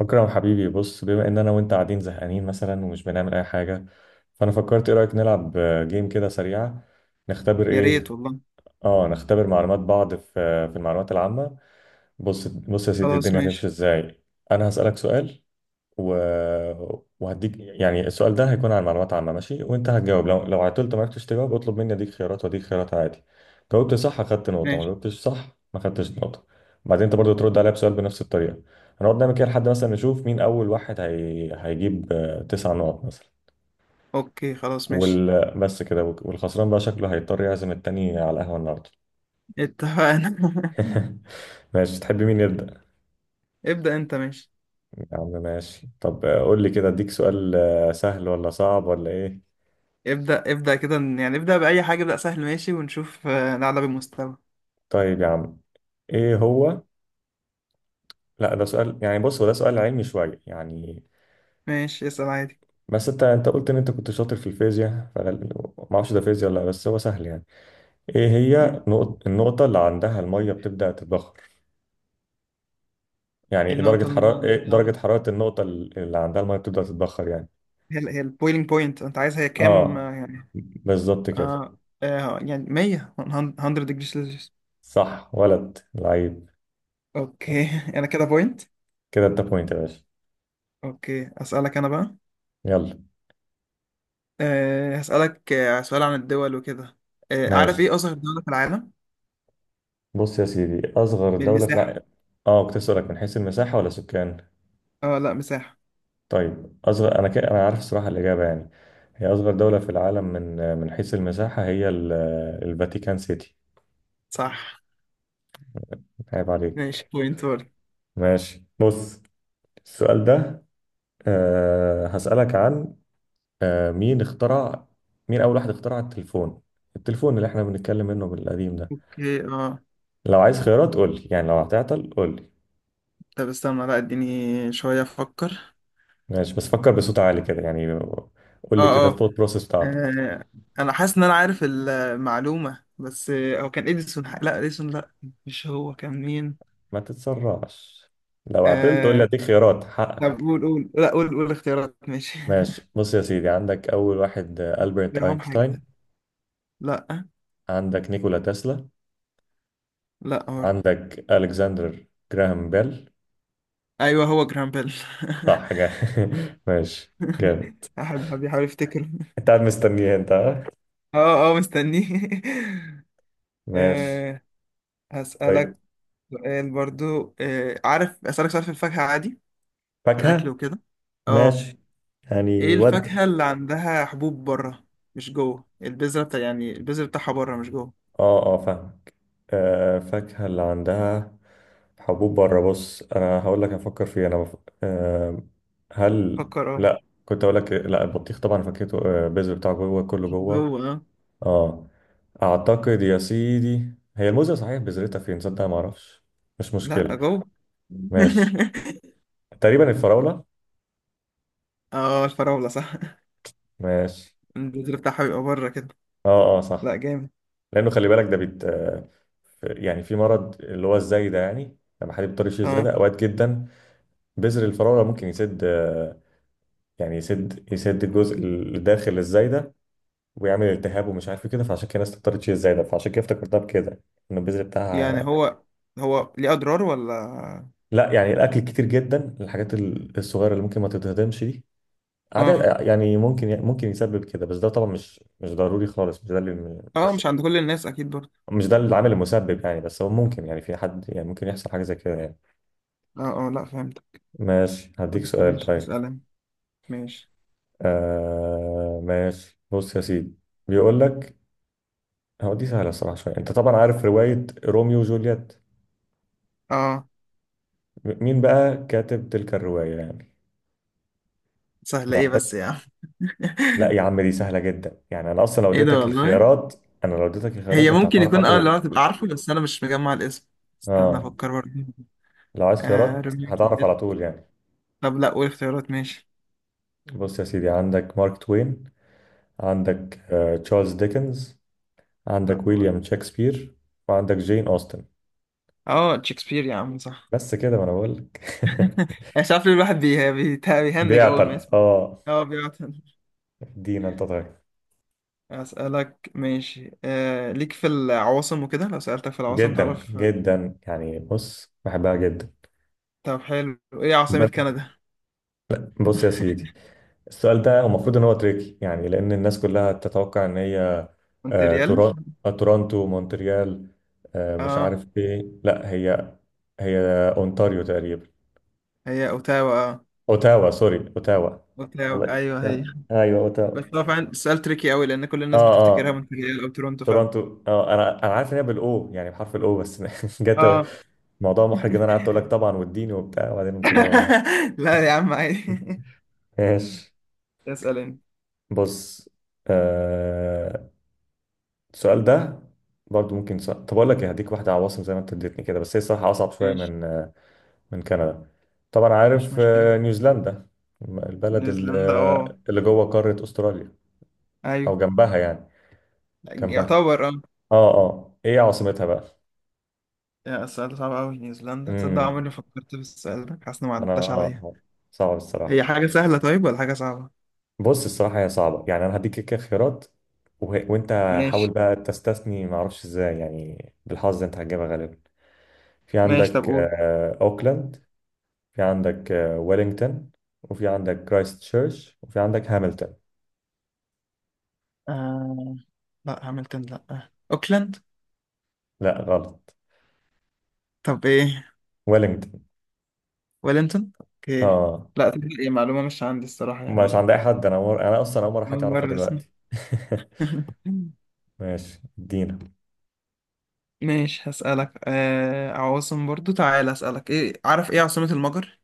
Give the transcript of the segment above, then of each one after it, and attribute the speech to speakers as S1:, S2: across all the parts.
S1: أكرم حبيبي، بص، بما إن أنا وأنت قاعدين زهقانين مثلا ومش بنعمل أي حاجة، فأنا فكرت إيه رأيك نلعب جيم كده سريعة. نختبر
S2: يا
S1: إيه؟
S2: ريت والله.
S1: نختبر معلومات بعض في
S2: خلاص ماشي.
S1: و... وهديك يعني السؤال ده هيكون عن معلومات عامة، ماشي، وانت هتجاوب، لو عطلت ما عرفتش تجاوب اطلب مني اديك خيارات واديك خيارات عادي. جاوبت صح اخدت نقطة، ما
S2: ماشي.
S1: جاوبتش صح ما خدتش نقطة. بعدين انت برضو ترد عليا بسؤال بنفس الطريقة. هنقعد نعمل كده لحد مثلا نشوف مين اول واحد هيجيب تسع نقط مثلا.
S2: اوكي خلاص ماشي.
S1: بس كده، والخسران بقى شكله هيضطر يعزم التاني على القهوة النهاردة.
S2: اتفقنا.
S1: ماشي، تحب مين يبدأ؟
S2: ابدأ انت ماشي.
S1: يا عم ماشي، طب قول لي كده اديك سؤال سهل ولا صعب ولا ايه؟
S2: ابدأ ابدأ كده يعني ابدأ بأي حاجة، ابدأ سهل ماشي ونشوف نعلى بالمستوى.
S1: طيب يا عم. ايه هو؟ لا ده سؤال، يعني بص هو ده سؤال علمي شويه يعني.
S2: ماشي اسأل عادي.
S1: بس انت قلت ان انت كنت شاطر في الفيزياء، فانا ما اعرفش ده فيزياء ولا لا، بس هو سهل يعني. ايه
S2: مم.
S1: هي النقطه اللي عندها الميه بتبدا تتبخر، يعني
S2: ايه
S1: إيه
S2: النقطة
S1: درجه حراره،
S2: المهمة؟
S1: النقطه اللي عندها الميه بتبدا تتبخر يعني؟
S2: هي البويلينج بوينت انت عايزها، هي كام
S1: اه،
S2: يعني؟
S1: بالظبط كده.
S2: اه, يعني 100 ديجري سيلسيوس.
S1: صح، ولد لعيب.
S2: اوكي انا كده بوينت.
S1: كده انت بوينت يا باشا.
S2: اوكي اسألك انا بقى.
S1: يلا.
S2: هسألك سؤال عن الدول وكده. أه عارف
S1: ماشي،
S2: ايه أصغر دولة في العالم؟
S1: بص يا سيدي، اصغر دوله في
S2: بالمساحة.
S1: العالم. اه، كنت اسالك من حيث المساحه ولا سكان؟
S2: اه لا مساحة.
S1: طيب، أصغر، أنا عارف الصراحة الإجابة يعني. هي أصغر دولة في العالم من حيث المساحة هي الفاتيكان سيتي.
S2: صح.
S1: عيب
S2: ماشي
S1: عليك.
S2: بوينت برضه.
S1: ماشي، بص. السؤال ده. هسألك عن مين اخترع، مين أول واحد اخترع التليفون؟ التليفون اللي احنا بنتكلم منه من القديم ده.
S2: اوكي اه.
S1: لو عايز خيارات قول لي، يعني لو هتعطل قول لي.
S2: طب استنى، لا اديني شوية افكر.
S1: ماشي، بس فكر بصوت عالي كده يعني، قول لي كده
S2: اه اه
S1: الثوت بروسيس بتاعتك.
S2: آه، انا حاسس ان انا عارف المعلومة، بس هو كان اديسون. لا اديسون لا. مش هو، كان مين؟
S1: ما تتسرعش، لو عطلت قول لي
S2: آه
S1: اديك خيارات،
S2: طب
S1: حقك.
S2: قول قول لا قول قول اختيارات ماشي.
S1: ماشي، بص يا سيدي، عندك أول واحد ألبرت
S2: جرهام حاجة
S1: أينشتاين.
S2: تانية. لا.
S1: عندك نيكولا تسلا.
S2: لا برضه.
S1: عندك ألكسندر جراهام بيل.
S2: ايوه هو جرام بيل.
S1: صح، جا. ماشي. جامد.
S2: احب بيحاول يفتكر.
S1: أنت قاعد مستنيه أنت، ها؟
S2: اه اه مستنيه.
S1: ماشي.
S2: آه،
S1: طيب.
S2: هسألك سؤال برضو. عارف أسألك سؤال في الفاكهة عادي؟ في الأكل
S1: فاكهة؟
S2: وكده. اه.
S1: ماشي.
S2: ايه
S1: يعني
S2: الفاكهة
S1: ودي.
S2: اللي عندها حبوب بره مش جوه البذرة؟ بتاع يعني البذرة بتاعها بره مش جوه.
S1: اه اه، فاهمك. فاكهة اللي عندها حبوب بره، بص أنا هقول لك أفكر فيه، أنا آه هل.
S2: فكر اه.
S1: لا، كنت أقول لك لا البطيخ طبعا فاكهته البذر بتاعه جوه، كله جوه.
S2: جوه اه.
S1: اه، اعتقد يا سيدي هي الموزة، صحيح بذرتها فين صدق ما اعرفش. مش
S2: لا
S1: مشكلة.
S2: جوه.
S1: ماشي. تقريبا الفراولة.
S2: اه الفراولة صح.
S1: ماشي.
S2: البذرة بتاعها بيبقى بره كده.
S1: اه اه، صح.
S2: لا جامد.
S1: لانه خلي بالك ده بيت يعني في مرض اللي هو الزايدة، يعني لما حد بيضطر يشيل زايدة
S2: اه
S1: اوقات جدا. بذر الفراولة ممكن يسد يعني يسد الجزء اللي داخل الزايدة، ويعمل التهاب ومش عارف إيه كده، فعشان كده الناس تضطر تشيل الزايدة، فعشان كده افتكرتها بكده، ان البذر
S2: يعني
S1: بتاعها.
S2: هو هو ليه أضرار ولا؟
S1: لا يعني الاكل كتير جدا الحاجات الصغيرة اللي ممكن ما تتهضمش دي
S2: اه
S1: عادات، يعني ممكن يسبب كده، بس ده طبعا مش ضروري خالص،
S2: اه مش عند كل الناس أكيد برضه.
S1: مش ده العامل المسبب يعني، بس هو ممكن، يعني في حد يعني ممكن يحصل حاجة زي كده يعني.
S2: اه اه لا فهمت.
S1: ماشي، هديك
S2: خلاص
S1: سؤال
S2: ماشي
S1: طيب.
S2: اسأل أنا. ماشي
S1: ماشي، بص يا سيدي، بيقول لك، هو دي سهلة الصراحة شوية، انت طبعا عارف رواية روميو وجولييت.
S2: اه.
S1: مين بقى كاتب تلك الرواية يعني؟
S2: سهلة
S1: لو
S2: ايه
S1: احتاج.
S2: بس يا عم؟
S1: لا يا عم دي سهلة جدا يعني، انا اصلا لو
S2: ايه ده
S1: اديتك
S2: والله؟
S1: الخيارات، انا لو اديتك الخيارات
S2: هي
S1: انت
S2: ممكن
S1: هتعرف على
S2: يكون اه اللي
S1: طول.
S2: هو تبقى عارفه بس انا مش مجمع الاسم. استنى
S1: اه،
S2: افكر برضه.
S1: لو عايز
S2: آه
S1: خيارات
S2: روميو
S1: هتعرف على
S2: وجولييت.
S1: طول يعني.
S2: طب لا قول اختيارات ماشي.
S1: بص يا سيدي، عندك مارك توين، عندك تشارلز ديكنز،
S2: لا
S1: عندك
S2: برضه.
S1: ويليام شكسبير، وعندك جين أوستن.
S2: اه شكسبير يا عم صح.
S1: بس كده، ما انا بقول لك.
S2: مش عارف ليه الواحد بيهنج اول ما
S1: بيعطل
S2: يسمع.
S1: اه.
S2: اه بيقعد.
S1: ادينا انت طيب.
S2: اسالك ماشي آه ليك في العواصم وكده، لو سالتك في العواصم
S1: جدا
S2: تعرف؟
S1: جدا يعني، بص بحبها جدا.
S2: طب حلو، ايه عاصمة
S1: ب-
S2: كندا؟
S1: بص يا سيدي، السؤال ده المفروض ان هو تريكي يعني، لان الناس كلها تتوقع ان هي آه،
S2: مونتريال.
S1: تورون- تورونتو، مونتريال، مش
S2: اه
S1: عارف ايه، لا هي، هي اونتاريو تقريبا.
S2: هي اوتاوا اه.
S1: اوتاوا، سوري، اوتاوا.
S2: اوتاوا
S1: والله،
S2: ايوه هي.
S1: يلا ايوه
S2: بس
S1: اوتاوا.
S2: هو فعلا سؤال تريكي قوي لان كل الناس
S1: اه
S2: بتفتكرها
S1: اه،
S2: مونتريال او تورونتو فعلا.
S1: تورونتو اه، انا عارف ان هي بالاو يعني بحرف الاو، بس جت
S2: اه.
S1: موضوع محرج، ان انا قعدت اقول لك طبعا والدين وبتاع، وبعدين قمت جايبها غلط.
S2: لا يا عم عادي.
S1: ماشي،
S2: اسأل انت.
S1: بص. آه السؤال ده برضو ممكن صعب. طب اقول لك إيه، هديك واحده عواصم زي ما انت اديتني كده، بس هي الصراحه اصعب شويه
S2: ماشي.
S1: من من كندا. طبعا
S2: مش
S1: عارف
S2: مشكلة.
S1: نيوزيلندا، البلد اللي
S2: نيوزيلندا اه.
S1: اللي جوه قاره استراليا،
S2: ايوه.
S1: او جنبها يعني، جنبها.
S2: يعتبر اه.
S1: اه اه، ايه عاصمتها بقى؟
S2: يا السؤال ده صعب قوي. نيوزيلندا، تصدق
S1: امم.
S2: عمري ما فكرت في السؤال ده، حاسس انه ما
S1: انا
S2: عداش عليا.
S1: آه. صعب
S2: هي
S1: الصراحه.
S2: حاجة سهلة طيب ولا حاجة صعبة؟
S1: بص الصراحه هي صعبه يعني، انا هديك كده خيارات. وانت حاول
S2: ماشي.
S1: بقى تستثني، ما اعرفش ازاي، يعني بالحظ انت هتجيبها غالبا. في
S2: ماشي طب
S1: عندك
S2: قول.
S1: اوكلاند، في عندك ويلينغتون، وفي عندك كرايست تشيرش، وفي عندك هامilton.
S2: آه... لا هامilton. لا اوكلاند.
S1: لا غلط،
S2: طب ايه؟
S1: ويلينغتون.
S2: ويلينتون اوكي.
S1: اه،
S2: لا تبقى ايه معلومة مش عندي الصراحة
S1: مش
S2: يعني.
S1: عند اي حد، انا انا اصلا اول مره حد
S2: أول
S1: يعرفها
S2: مرة اسمع.
S1: دلوقتي. ماشي، ادينا.
S2: ماشي هسألك آه عواصم برضو، تعالى أسألك. إيه عارف إيه عاصمة المجر؟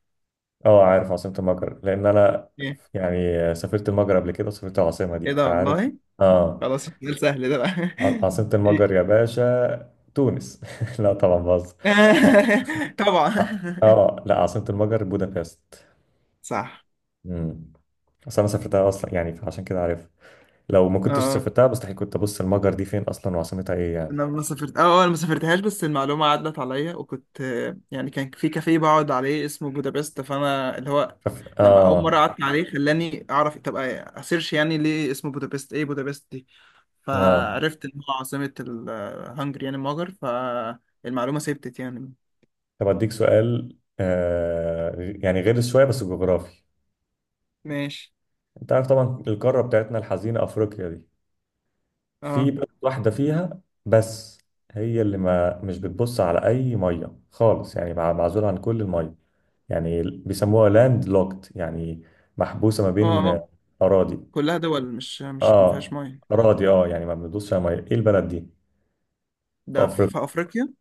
S1: اه عارف عاصمة المجر، لأن أنا
S2: إيه.
S1: يعني سافرت المجر قبل كده وسافرت العاصمة
S2: إيه
S1: دي
S2: ده
S1: فعارف.
S2: والله.
S1: اه.
S2: خلاص السؤال سهل ده بقى.
S1: عاصمة
S2: إيه؟
S1: المجر يا باشا تونس. لا طبعا بهزر. اه
S2: طبعا.
S1: اه لا عاصمة المجر بودابست.
S2: صح
S1: امم. أصل أنا سافرتها أصلا يعني، فعشان كده عارف. لو ما كنتش
S2: اه.
S1: سافرتها مستحيل كنت أبص المجر دي فين أصلا وعاصمتها إيه يعني.
S2: انا ما سافرت اه انا ما سافرتهاش، بس المعلومه عدت عليا وكنت يعني كان في كافيه بقعد عليه اسمه بودابست فانا اللي هو لما اول مره
S1: اه.
S2: قعدت عليه خلاني اعرف، طب اسيرش يعني ليه اسمه بودابست، ايه بودابست دي.
S1: اه،
S2: فعرفت ان هو عاصمة الهنجري يعني المجر، فالمعلومة ثبتت يعني.
S1: طب أديك سؤال يعني غير شوية بس جغرافي.
S2: ماشي.
S1: أنت عارف طبعا القارة بتاعتنا الحزينة أفريقيا دي، في
S2: اه
S1: بلد واحدة فيها بس، هي اللي ما مش بتبص على أي مية خالص، يعني معزولة عن كل المية، يعني بيسموها لاند لوكت، يعني محبوسة ما
S2: اه
S1: بين
S2: اه
S1: أراضي.
S2: كلها دول مش مش ما فيهاش
S1: اه،
S2: ميه.
S1: أراضي اه، يعني ما بندوسش على مية، ايه البلد دي؟ في
S2: ده في
S1: أفريقيا،
S2: في افريقيا؟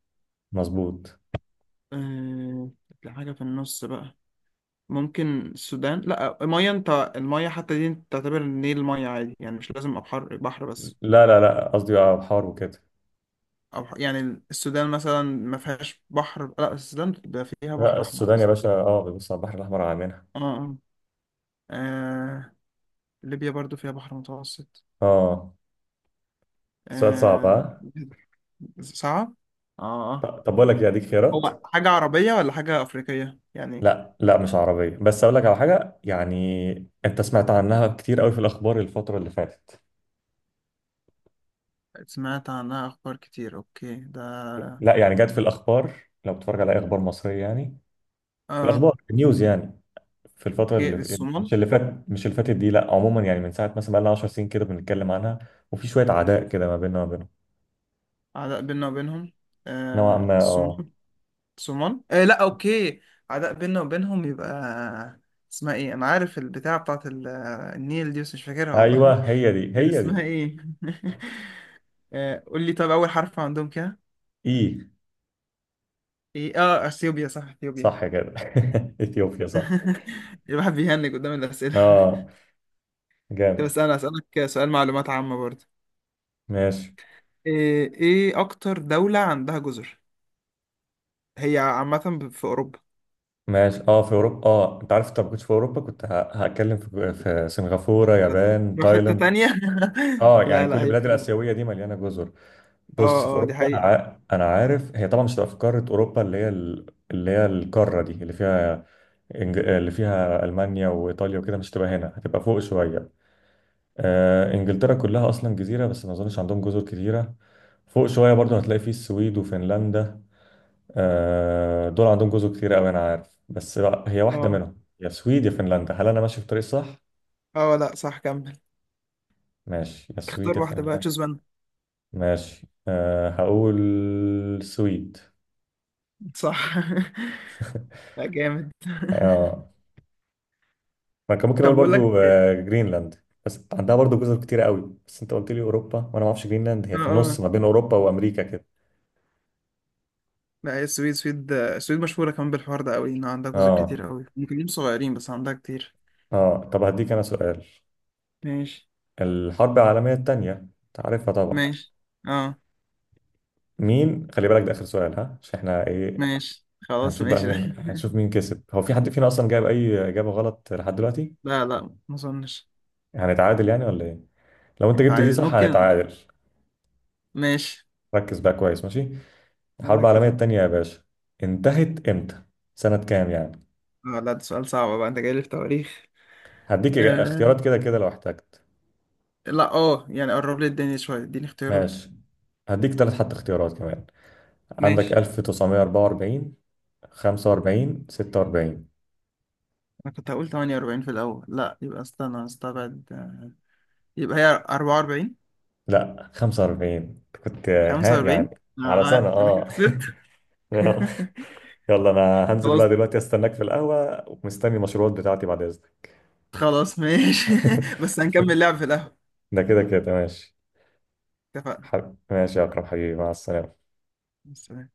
S1: مظبوط.
S2: آه حاجة في النص بقى. ممكن السودان. لا ميه انت، الميه حتى دي انت تعتبر النيل ميه عادي يعني، مش لازم ابحر بحر بس.
S1: لا لا لا، قصدي اه بحار وكده.
S2: يعني السودان مثلا ما فيهاش بحر. لا السودان ده فيها
S1: لا
S2: بحر احمر
S1: السودان يا
S2: اصلا.
S1: باشا اه بيبص على البحر الأحمر على منها.
S2: اه اه آه، ليبيا برضو فيها بحر متوسط.
S1: اه، سؤال صعب،
S2: آه
S1: ها.
S2: صعب. اه اه.
S1: طب بقول لك إيه، أديك خيارات.
S2: هو حاجة عربية ولا حاجة أفريقية يعني؟
S1: لا لا مش عربية، بس أقول لك على حاجة يعني، أنت سمعت عنها كتير قوي في الأخبار الفترة اللي فاتت.
S2: سمعت عنها أخبار كتير. أوكي ده
S1: لا يعني جت في الأخبار، لو بتتفرج على أي أخبار مصرية يعني، في
S2: آه.
S1: الأخبار في النيوز يعني، في الفترة
S2: أوكي
S1: اللي
S2: الصومال.
S1: مش اللي فاتت دي، لا عموما يعني، من ساعة مثلا بقالنا 10 سنين كده بنتكلم عنها، وفي شوية عداء كده ما بيننا وما بينهم.
S2: عداء بيننا وبينهم.
S1: نوعا
S2: آه
S1: ما أه.
S2: الصومال. الصومال آه. لا أوكي. عداء بيننا وبينهم يبقى. اسمها إيه؟ أنا عارف البتاعة النيل دي، بس مش فاكرها والله.
S1: أيوه هي دي،
S2: كان
S1: هي
S2: اسمها
S1: دي.
S2: إيه؟ آه قول لي طب، أول حرف عندهم كده
S1: إيه؟
S2: إيه؟ آه أثيوبيا صح أثيوبيا.
S1: صح كده. إثيوبيا صح.
S2: الواحد بيهنج قدام الأسئلة.
S1: أه،
S2: بس
S1: جامد.
S2: انا اسالك سؤال معلومات عامه برضه.
S1: ماشي.
S2: ايه إيه اكتر دوله عندها جزر؟ هي عامه في اوروبا.
S1: ماشي، اه في اوروبا، اه انت عارف انت ما كنتش في اوروبا كنت هتكلم في سنغافوره، يابان،
S2: تروح حته
S1: تايلاند.
S2: تانية.
S1: اه يعني
S2: لا
S1: كل
S2: لا هي
S1: البلاد
S2: في اوروبا.
S1: الاسيويه دي مليانه جزر. بص في
S2: اه اه دي
S1: اوروبا، انا
S2: حقيقه.
S1: انا عارف هي طبعا مش هتبقى في قاره اوروبا اللي هي اللي هي القاره دي اللي فيها اللي فيها المانيا وايطاليا وكده، مش هتبقى هنا هتبقى فوق شويه. انجلترا كلها اصلا جزيره بس ما اظنش عندهم جزر كتيره. فوق شويه برضو هتلاقي فيه السويد وفنلندا. دول عندهم جزر كتير قوي، انا عارف بس بقى هي واحده
S2: اه
S1: منهم، يا السويد يا فنلندا، هل انا ماشي في الطريق صح؟
S2: اه لا صح كمل.
S1: ماشي، يا السويد
S2: اختار
S1: يا
S2: واحده بقى،
S1: فنلندا.
S2: تشوز وان.
S1: ماشي، هقول السويد.
S2: صح. لا جامد.
S1: اه، ما كان ممكن
S2: طب
S1: اقول
S2: بقول لك
S1: برضو
S2: إيه؟
S1: جرينلاند، بس عندها برضو جزر كتير قوي، بس انت قلت لي اوروبا، وانا ما اعرفش جرينلاند
S2: اه
S1: هي في النص
S2: اه
S1: ما بين اوروبا وامريكا كده.
S2: لا هي السويد. السويد، السويد مشهوره كمان بالحوار ده قوي، ان عندها جزر كتير
S1: اه
S2: قوي، ممكن يكونوا صغيرين بس عندها كتير.
S1: اه، طب هديك انا سؤال.
S2: ماشي.
S1: الحرب العالميه الثانيه انت عارفها طبعا.
S2: ماشي اه.
S1: مين، خلي بالك ده اخر سؤال، ها، عشان احنا ايه،
S2: ماشي خلاص
S1: هنشوف بقى
S2: ماشي.
S1: مين، هنشوف مين كسب، هو في حد فينا اصلا جاب اي اجابه غلط لحد دلوقتي؟
S2: لا لا ما اظنش.
S1: هنتعادل يعني ولا ايه؟ لو انت
S2: انت
S1: جبت دي
S2: عايز،
S1: صح
S2: ممكن.
S1: هنتعادل.
S2: ماشي.
S1: ركز بقى كويس، ماشي. الحرب
S2: ركز
S1: العالميه
S2: اهو.
S1: التانية يا باشا، انتهت امتى؟ سنه كام يعني؟
S2: لا ده سؤال صعب بقى، انت جاي لي في تواريخ.
S1: هديك
S2: آه.
S1: اختيارات كده كده لو احتجت.
S2: لا اه يعني قرب لي الدنيا شويه، اديني اختيارات.
S1: ماشي، هديك ثلاث حتى اختيارات كمان. عندك
S2: ماشي.
S1: 1944، 45، 46.
S2: انا كنت هقول 48 في الاول. لا يبقى استنى استبعد يبقى هي 44.
S1: لا 45 كنت ها
S2: 45
S1: يعني. على سنه،
S2: آه انا كده
S1: اه.
S2: خسرت.
S1: يلا انا هنزل
S2: خلاص.
S1: بقى دلوقتي، استناك في القهوة ومستني المشروبات بتاعتي بعد اذنك.
S2: خلاص ماشي. بس هنكمل لعب في القهوة.
S1: ده كده كده، ماشي.
S2: اتفقنا.
S1: ماشي يا اكرم حبيبي، مع السلامة.
S2: بس